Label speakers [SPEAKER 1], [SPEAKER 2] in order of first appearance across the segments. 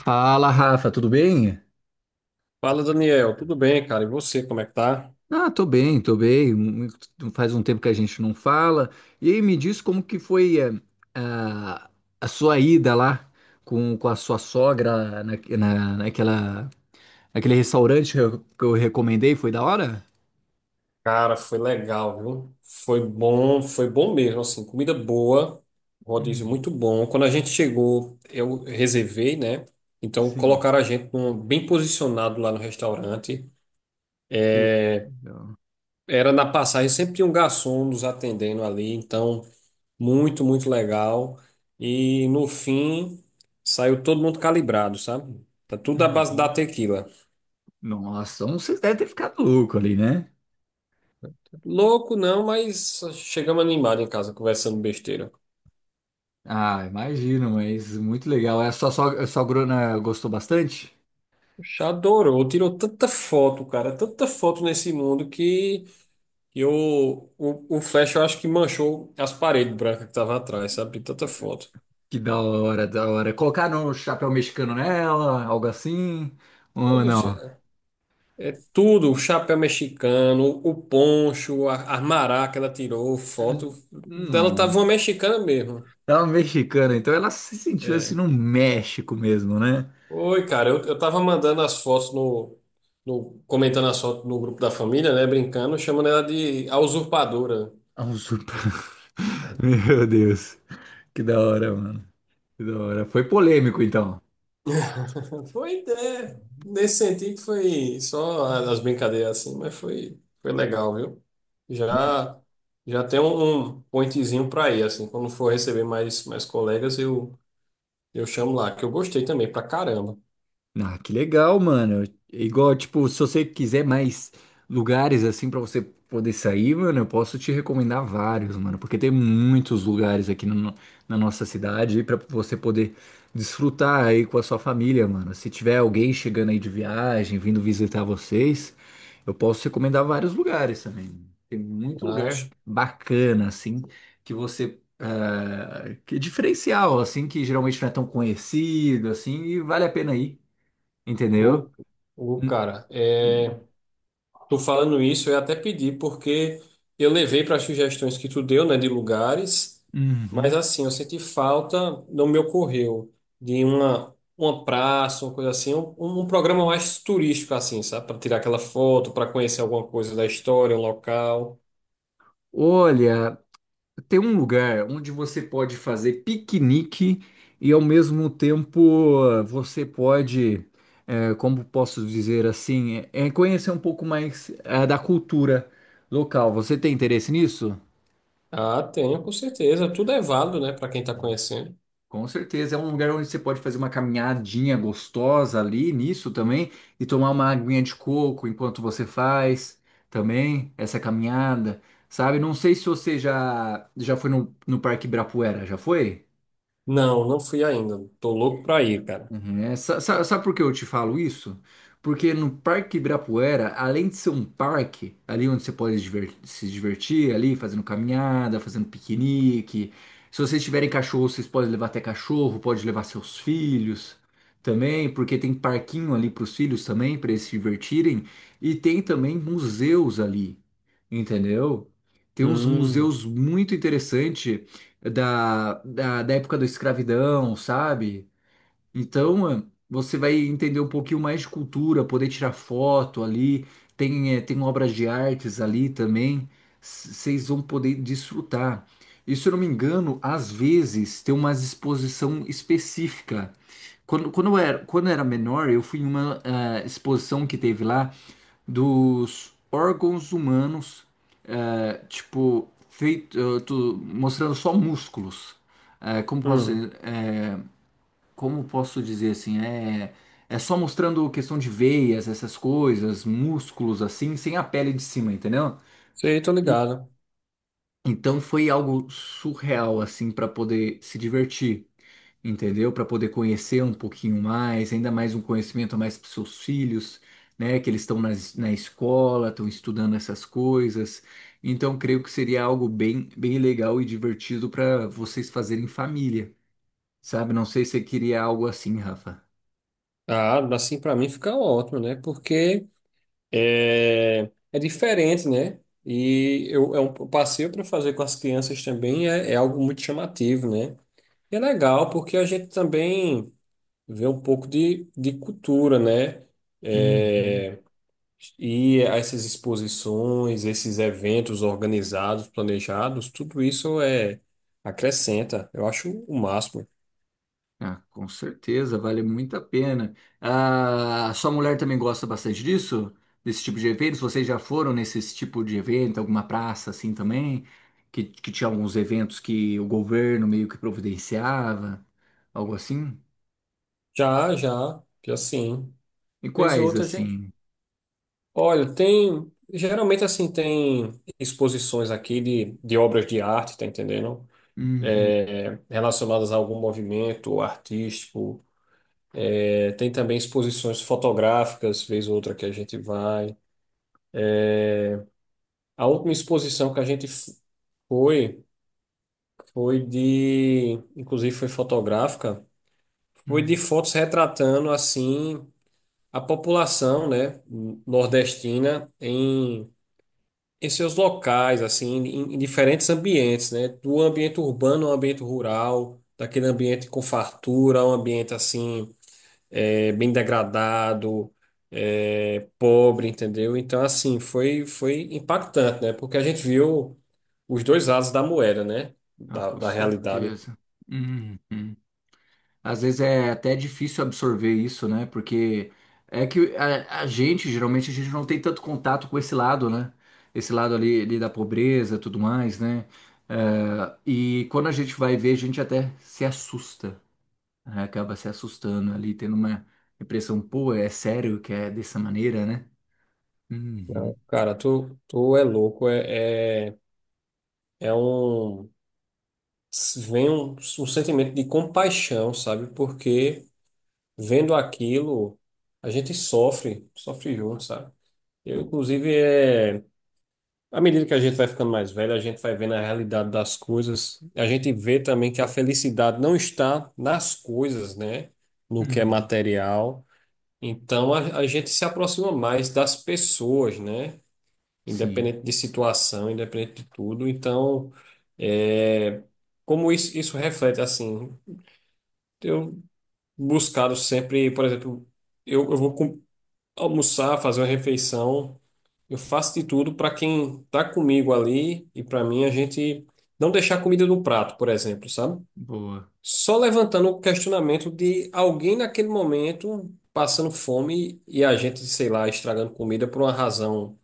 [SPEAKER 1] Fala, Rafa, tudo bem?
[SPEAKER 2] Fala, Daniel. Tudo bem, cara? E você, como é que tá?
[SPEAKER 1] Ah, tô bem, tô bem. Faz um tempo que a gente não fala. E aí, me diz como que foi a, a sua ida lá com a sua sogra naquela, naquele restaurante que eu recomendei, foi da hora?
[SPEAKER 2] Cara, foi legal, viu? Foi bom mesmo, assim, comida boa, rodízio
[SPEAKER 1] Hum,
[SPEAKER 2] muito bom. Quando a gente chegou, eu reservei, né? Então
[SPEAKER 1] sim.
[SPEAKER 2] colocaram a gente num- bem posicionado lá no restaurante.
[SPEAKER 1] Uh, legal.
[SPEAKER 2] Era na passagem, sempre tinha um garçom nos atendendo ali, então muito, muito legal. E no fim, saiu todo mundo calibrado, sabe? Tá tudo à base da
[SPEAKER 1] Uhum.
[SPEAKER 2] tequila.
[SPEAKER 1] Nossa, então vocês devem ter ficado louco ali, né?
[SPEAKER 2] Louco não, mas chegamos animados em casa conversando besteira.
[SPEAKER 1] Ah, imagino, mas muito legal. É, a sua sogra, a sua grona gostou bastante?
[SPEAKER 2] Já adorou, tirou tanta foto, cara, tanta foto nesse mundo que eu, o flash eu acho que manchou as paredes brancas que tava atrás, sabe? De tanta foto.
[SPEAKER 1] Que da hora, da hora. Colocaram um chapéu mexicano nela, algo assim?
[SPEAKER 2] Pô,
[SPEAKER 1] Ou
[SPEAKER 2] bicho,
[SPEAKER 1] não?
[SPEAKER 2] é é tudo, o chapéu mexicano, o poncho, a maraca que ela tirou, foto
[SPEAKER 1] Hum,
[SPEAKER 2] dela tava
[SPEAKER 1] não.
[SPEAKER 2] uma mexicana mesmo.
[SPEAKER 1] Ela é mexicana, então ela se sentiu assim
[SPEAKER 2] É,
[SPEAKER 1] no México mesmo, né?
[SPEAKER 2] oi, cara, eu tava mandando as fotos no, no- comentando as fotos no grupo da família, né? Brincando, chamando ela de a usurpadora.
[SPEAKER 1] A usurpa- Meu Deus. Que da hora, mano. Que da hora. Foi polêmico, então.
[SPEAKER 2] Foi é, nesse sentido foi só as brincadeiras assim, mas foi, foi legal, viu? Já já tem um, um pointzinho pra ir, assim, quando for receber mais, mais colegas, eu chamo lá, que eu gostei também, pra caramba.
[SPEAKER 1] Ah, que legal, mano. Igual, tipo, se você quiser mais lugares assim pra você poder sair, mano, eu posso te recomendar vários, mano, porque tem muitos lugares aqui no- na nossa cidade aí para você poder desfrutar aí com a sua família, mano. Se tiver alguém chegando aí de viagem, vindo visitar vocês, eu posso recomendar vários lugares também. Tem muito lugar
[SPEAKER 2] Acho.
[SPEAKER 1] bacana assim que que é diferencial, assim, que geralmente não é tão conhecido, assim, e vale a pena ir.
[SPEAKER 2] Ô,
[SPEAKER 1] Entendeu?
[SPEAKER 2] ô,
[SPEAKER 1] Hum,
[SPEAKER 2] cara, é,
[SPEAKER 1] hum,
[SPEAKER 2] tu falando isso, eu até pedi, porque eu levei para as sugestões que tu deu, né, de lugares, mas
[SPEAKER 1] uhum.
[SPEAKER 2] assim, eu senti falta, não me ocorreu, de uma praça, uma coisa assim, um, um programa mais turístico, assim, sabe, para tirar aquela foto, para conhecer alguma coisa da história, um local.
[SPEAKER 1] Olha, tem um lugar onde você pode fazer piquenique e ao mesmo tempo eh, você pode, como posso dizer assim, conhecer um pouco mais da cultura local. Você tem interesse nisso?
[SPEAKER 2] Ah, tenho, com certeza, tudo é válido, né, para quem tá conhecendo.
[SPEAKER 1] Com certeza, é um lugar onde você pode fazer uma caminhadinha gostosa ali nisso também e tomar uma aguinha de coco enquanto você faz também essa caminhada, sabe? Não sei se você já já foi no Parque Ibirapuera, já foi?
[SPEAKER 2] Não, não fui ainda, tô louco pra ir, cara.
[SPEAKER 1] Uhum. É, sabe por que eu te falo isso? Porque no Parque Ibirapuera, além de ser um parque, ali onde você pode se divertir, ali fazendo caminhada, fazendo piquenique. Se vocês tiverem cachorro, vocês podem levar até cachorro, pode levar seus filhos também, porque tem parquinho ali para os filhos também, para eles se divertirem. E tem também museus ali, entendeu? Tem uns
[SPEAKER 2] Hum,
[SPEAKER 1] museus muito interessantes da época da escravidão, sabe? Então, você vai entender um pouquinho mais de cultura, poder tirar foto ali, tem obras de artes ali também, vocês vão poder desfrutar. E se eu não me engano, às vezes tem uma exposição específica. Quando eu era menor, eu fui em uma exposição que teve lá dos órgãos humanos, tipo, feito, mostrando só músculos. Como posso
[SPEAKER 2] hum,
[SPEAKER 1] dizer? Como posso dizer assim, é, é só mostrando questão de veias, essas coisas, músculos assim, sem a pele de cima, entendeu?
[SPEAKER 2] sei, tô
[SPEAKER 1] E,
[SPEAKER 2] ligado.
[SPEAKER 1] então foi algo surreal assim para poder se divertir, entendeu? Para poder conhecer um pouquinho mais, ainda mais um conhecimento a mais para seus filhos, né? Que eles estão na escola, estão estudando essas coisas. Então creio que seria algo bem, bem legal e divertido para vocês fazerem em família, sabe? Não sei se você queria algo assim, Rafa.
[SPEAKER 2] Ah, assim para mim fica ótimo, né? Porque é, é diferente, né? E eu, é um passeio para fazer com as crianças também é, é algo muito chamativo, né? E é legal porque a gente também vê um pouco de cultura, né?
[SPEAKER 1] Uhum.
[SPEAKER 2] É, e essas exposições, esses eventos organizados, planejados, tudo isso é acrescenta. Eu acho o máximo.
[SPEAKER 1] Ah, com certeza, vale muito a pena. Ah, sua mulher também gosta bastante disso? Desse tipo de eventos? Vocês já foram nesse tipo de evento, alguma praça assim também? Que tinha alguns eventos que o governo meio que providenciava, algo assim?
[SPEAKER 2] Já, já, já sim.
[SPEAKER 1] E
[SPEAKER 2] Fez
[SPEAKER 1] quais
[SPEAKER 2] outra, gente.
[SPEAKER 1] assim?
[SPEAKER 2] Olha, tem. Geralmente, assim, tem exposições aqui de obras de arte, tá entendendo?
[SPEAKER 1] Uhum,
[SPEAKER 2] Relacionadas a algum movimento artístico. É, tem também exposições fotográficas, vez ou outra que a gente vai. A última exposição que a gente f- foi, foi de. Inclusive, foi fotográfica. Foi de
[SPEAKER 1] uhum.
[SPEAKER 2] fotos retratando, assim, a população, né, nordestina em seus locais, assim, em diferentes ambientes, né? Do ambiente urbano ao ambiente rural, daquele ambiente com fartura, um ambiente assim, é, bem degradado, é, pobre, entendeu? Então, assim, foi, foi impactante, né? Porque a gente viu os dois lados da moeda, né?
[SPEAKER 1] Ah,
[SPEAKER 2] Da,
[SPEAKER 1] com
[SPEAKER 2] da realidade.
[SPEAKER 1] certeza. Uhum. Às vezes é até difícil absorver isso, né? Porque é que a gente, geralmente, a gente não tem tanto contato com esse lado, né? Esse lado ali, ali da pobreza, tudo mais, né? É, e quando a gente vai ver, a gente até se assusta, né? Acaba se assustando ali, tendo uma impressão, pô, é sério que é dessa maneira, né? Uhum,
[SPEAKER 2] Cara, tu é louco, é, é, é um. Vem um sentimento de compaixão, sabe? Porque, vendo aquilo, a gente sofre, sofre junto, sabe? Eu, inclusive, à medida que a gente vai ficando mais velho, a gente vai vendo a realidade das coisas. A gente vê também que a felicidade não está nas coisas, né? No que é
[SPEAKER 1] uhum,
[SPEAKER 2] material. Então, a gente se aproxima mais das pessoas, né?
[SPEAKER 1] sim,
[SPEAKER 2] Independente de situação, independente de tudo. Então, é... como isso reflete, assim, eu buscado sempre, por exemplo, eu vou almoçar, fazer uma refeição. Eu faço de tudo para quem tá comigo ali e para mim a gente não deixar a comida no prato, por exemplo, sabe?
[SPEAKER 1] boa.
[SPEAKER 2] Só levantando o questionamento de alguém naquele momento passando fome e a gente, sei lá, estragando comida por uma razão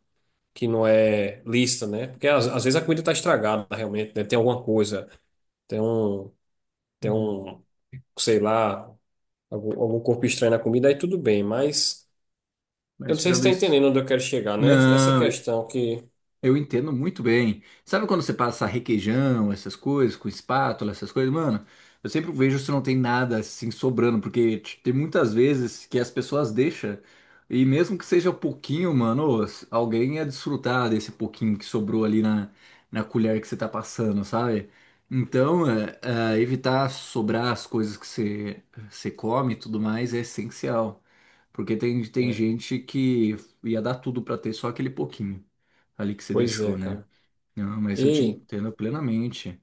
[SPEAKER 2] que não é lícita, né? Porque às vezes a comida tá estragada realmente, né? Tem alguma coisa, tem um, tem
[SPEAKER 1] Uhum.
[SPEAKER 2] um, sei lá, algum corpo estranho na comida, aí tudo bem, mas eu
[SPEAKER 1] Mas
[SPEAKER 2] não sei se
[SPEAKER 1] tirando
[SPEAKER 2] está
[SPEAKER 1] isso.
[SPEAKER 2] entendendo onde eu quero chegar, né? Essa
[SPEAKER 1] Não,
[SPEAKER 2] questão que
[SPEAKER 1] eu entendo muito bem. Sabe quando você passa requeijão, essas coisas, com espátula, essas coisas, mano? Eu sempre vejo se não tem nada assim sobrando, porque tem muitas vezes que as pessoas deixam, e mesmo que seja pouquinho, mano, ô, alguém ia desfrutar desse pouquinho que sobrou na colher que você tá passando, sabe? Então, é, evitar sobrar as coisas que você come e tudo mais é essencial. Porque tem
[SPEAKER 2] é,
[SPEAKER 1] gente que ia dar tudo pra ter só aquele pouquinho ali que você
[SPEAKER 2] pois é,
[SPEAKER 1] deixou, né?
[SPEAKER 2] cara.
[SPEAKER 1] Não, mas eu te
[SPEAKER 2] E
[SPEAKER 1] entendo plenamente.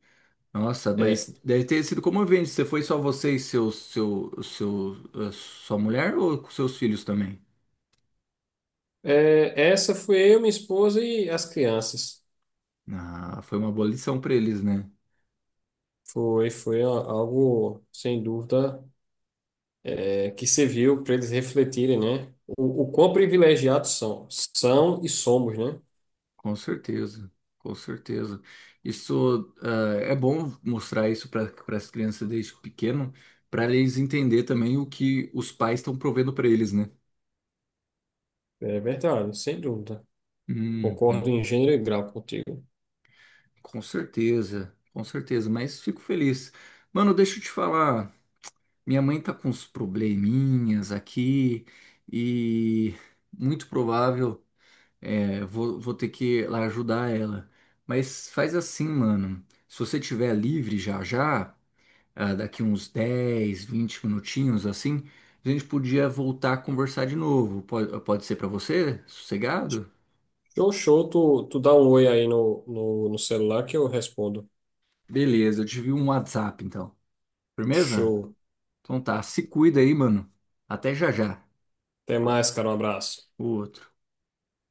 [SPEAKER 1] Nossa, mas
[SPEAKER 2] é,
[SPEAKER 1] deve ter sido comovente. Você foi só você e a sua mulher ou com seus filhos também?
[SPEAKER 2] é, essa foi eu, minha esposa e as crianças.
[SPEAKER 1] Ah, foi uma boa lição para eles, né?
[SPEAKER 2] Foi, foi a- algo, sem dúvida, é, que serviu para eles refletirem, né? O quão privilegiados são. São e somos, né?
[SPEAKER 1] Com certeza, com certeza. Isso, ah, é bom mostrar isso para as crianças desde pequeno, para eles entender também o que os pais estão provendo para eles, né?
[SPEAKER 2] É verdade, sem dúvida. Concordo
[SPEAKER 1] Uhum,
[SPEAKER 2] em gênero e grau contigo.
[SPEAKER 1] com certeza, com certeza. Mas fico feliz. Mano, deixa eu te falar. Minha mãe tá com uns probleminhas aqui e muito provável vou ter que ir lá ajudar ela. Mas faz assim, mano. Se você tiver livre já já, ah, daqui uns 10, 20 minutinhos assim, a gente podia voltar a conversar de novo. Pode ser pra você? Sossegado?
[SPEAKER 2] Show, show. Tu, tu dá um oi aí no, no, no celular que eu respondo.
[SPEAKER 1] Beleza, eu te vi um WhatsApp então. Firmeza?
[SPEAKER 2] Show.
[SPEAKER 1] Então tá, se cuida aí, mano. Até já já.
[SPEAKER 2] Até mais, cara. Um abraço.
[SPEAKER 1] O Outro.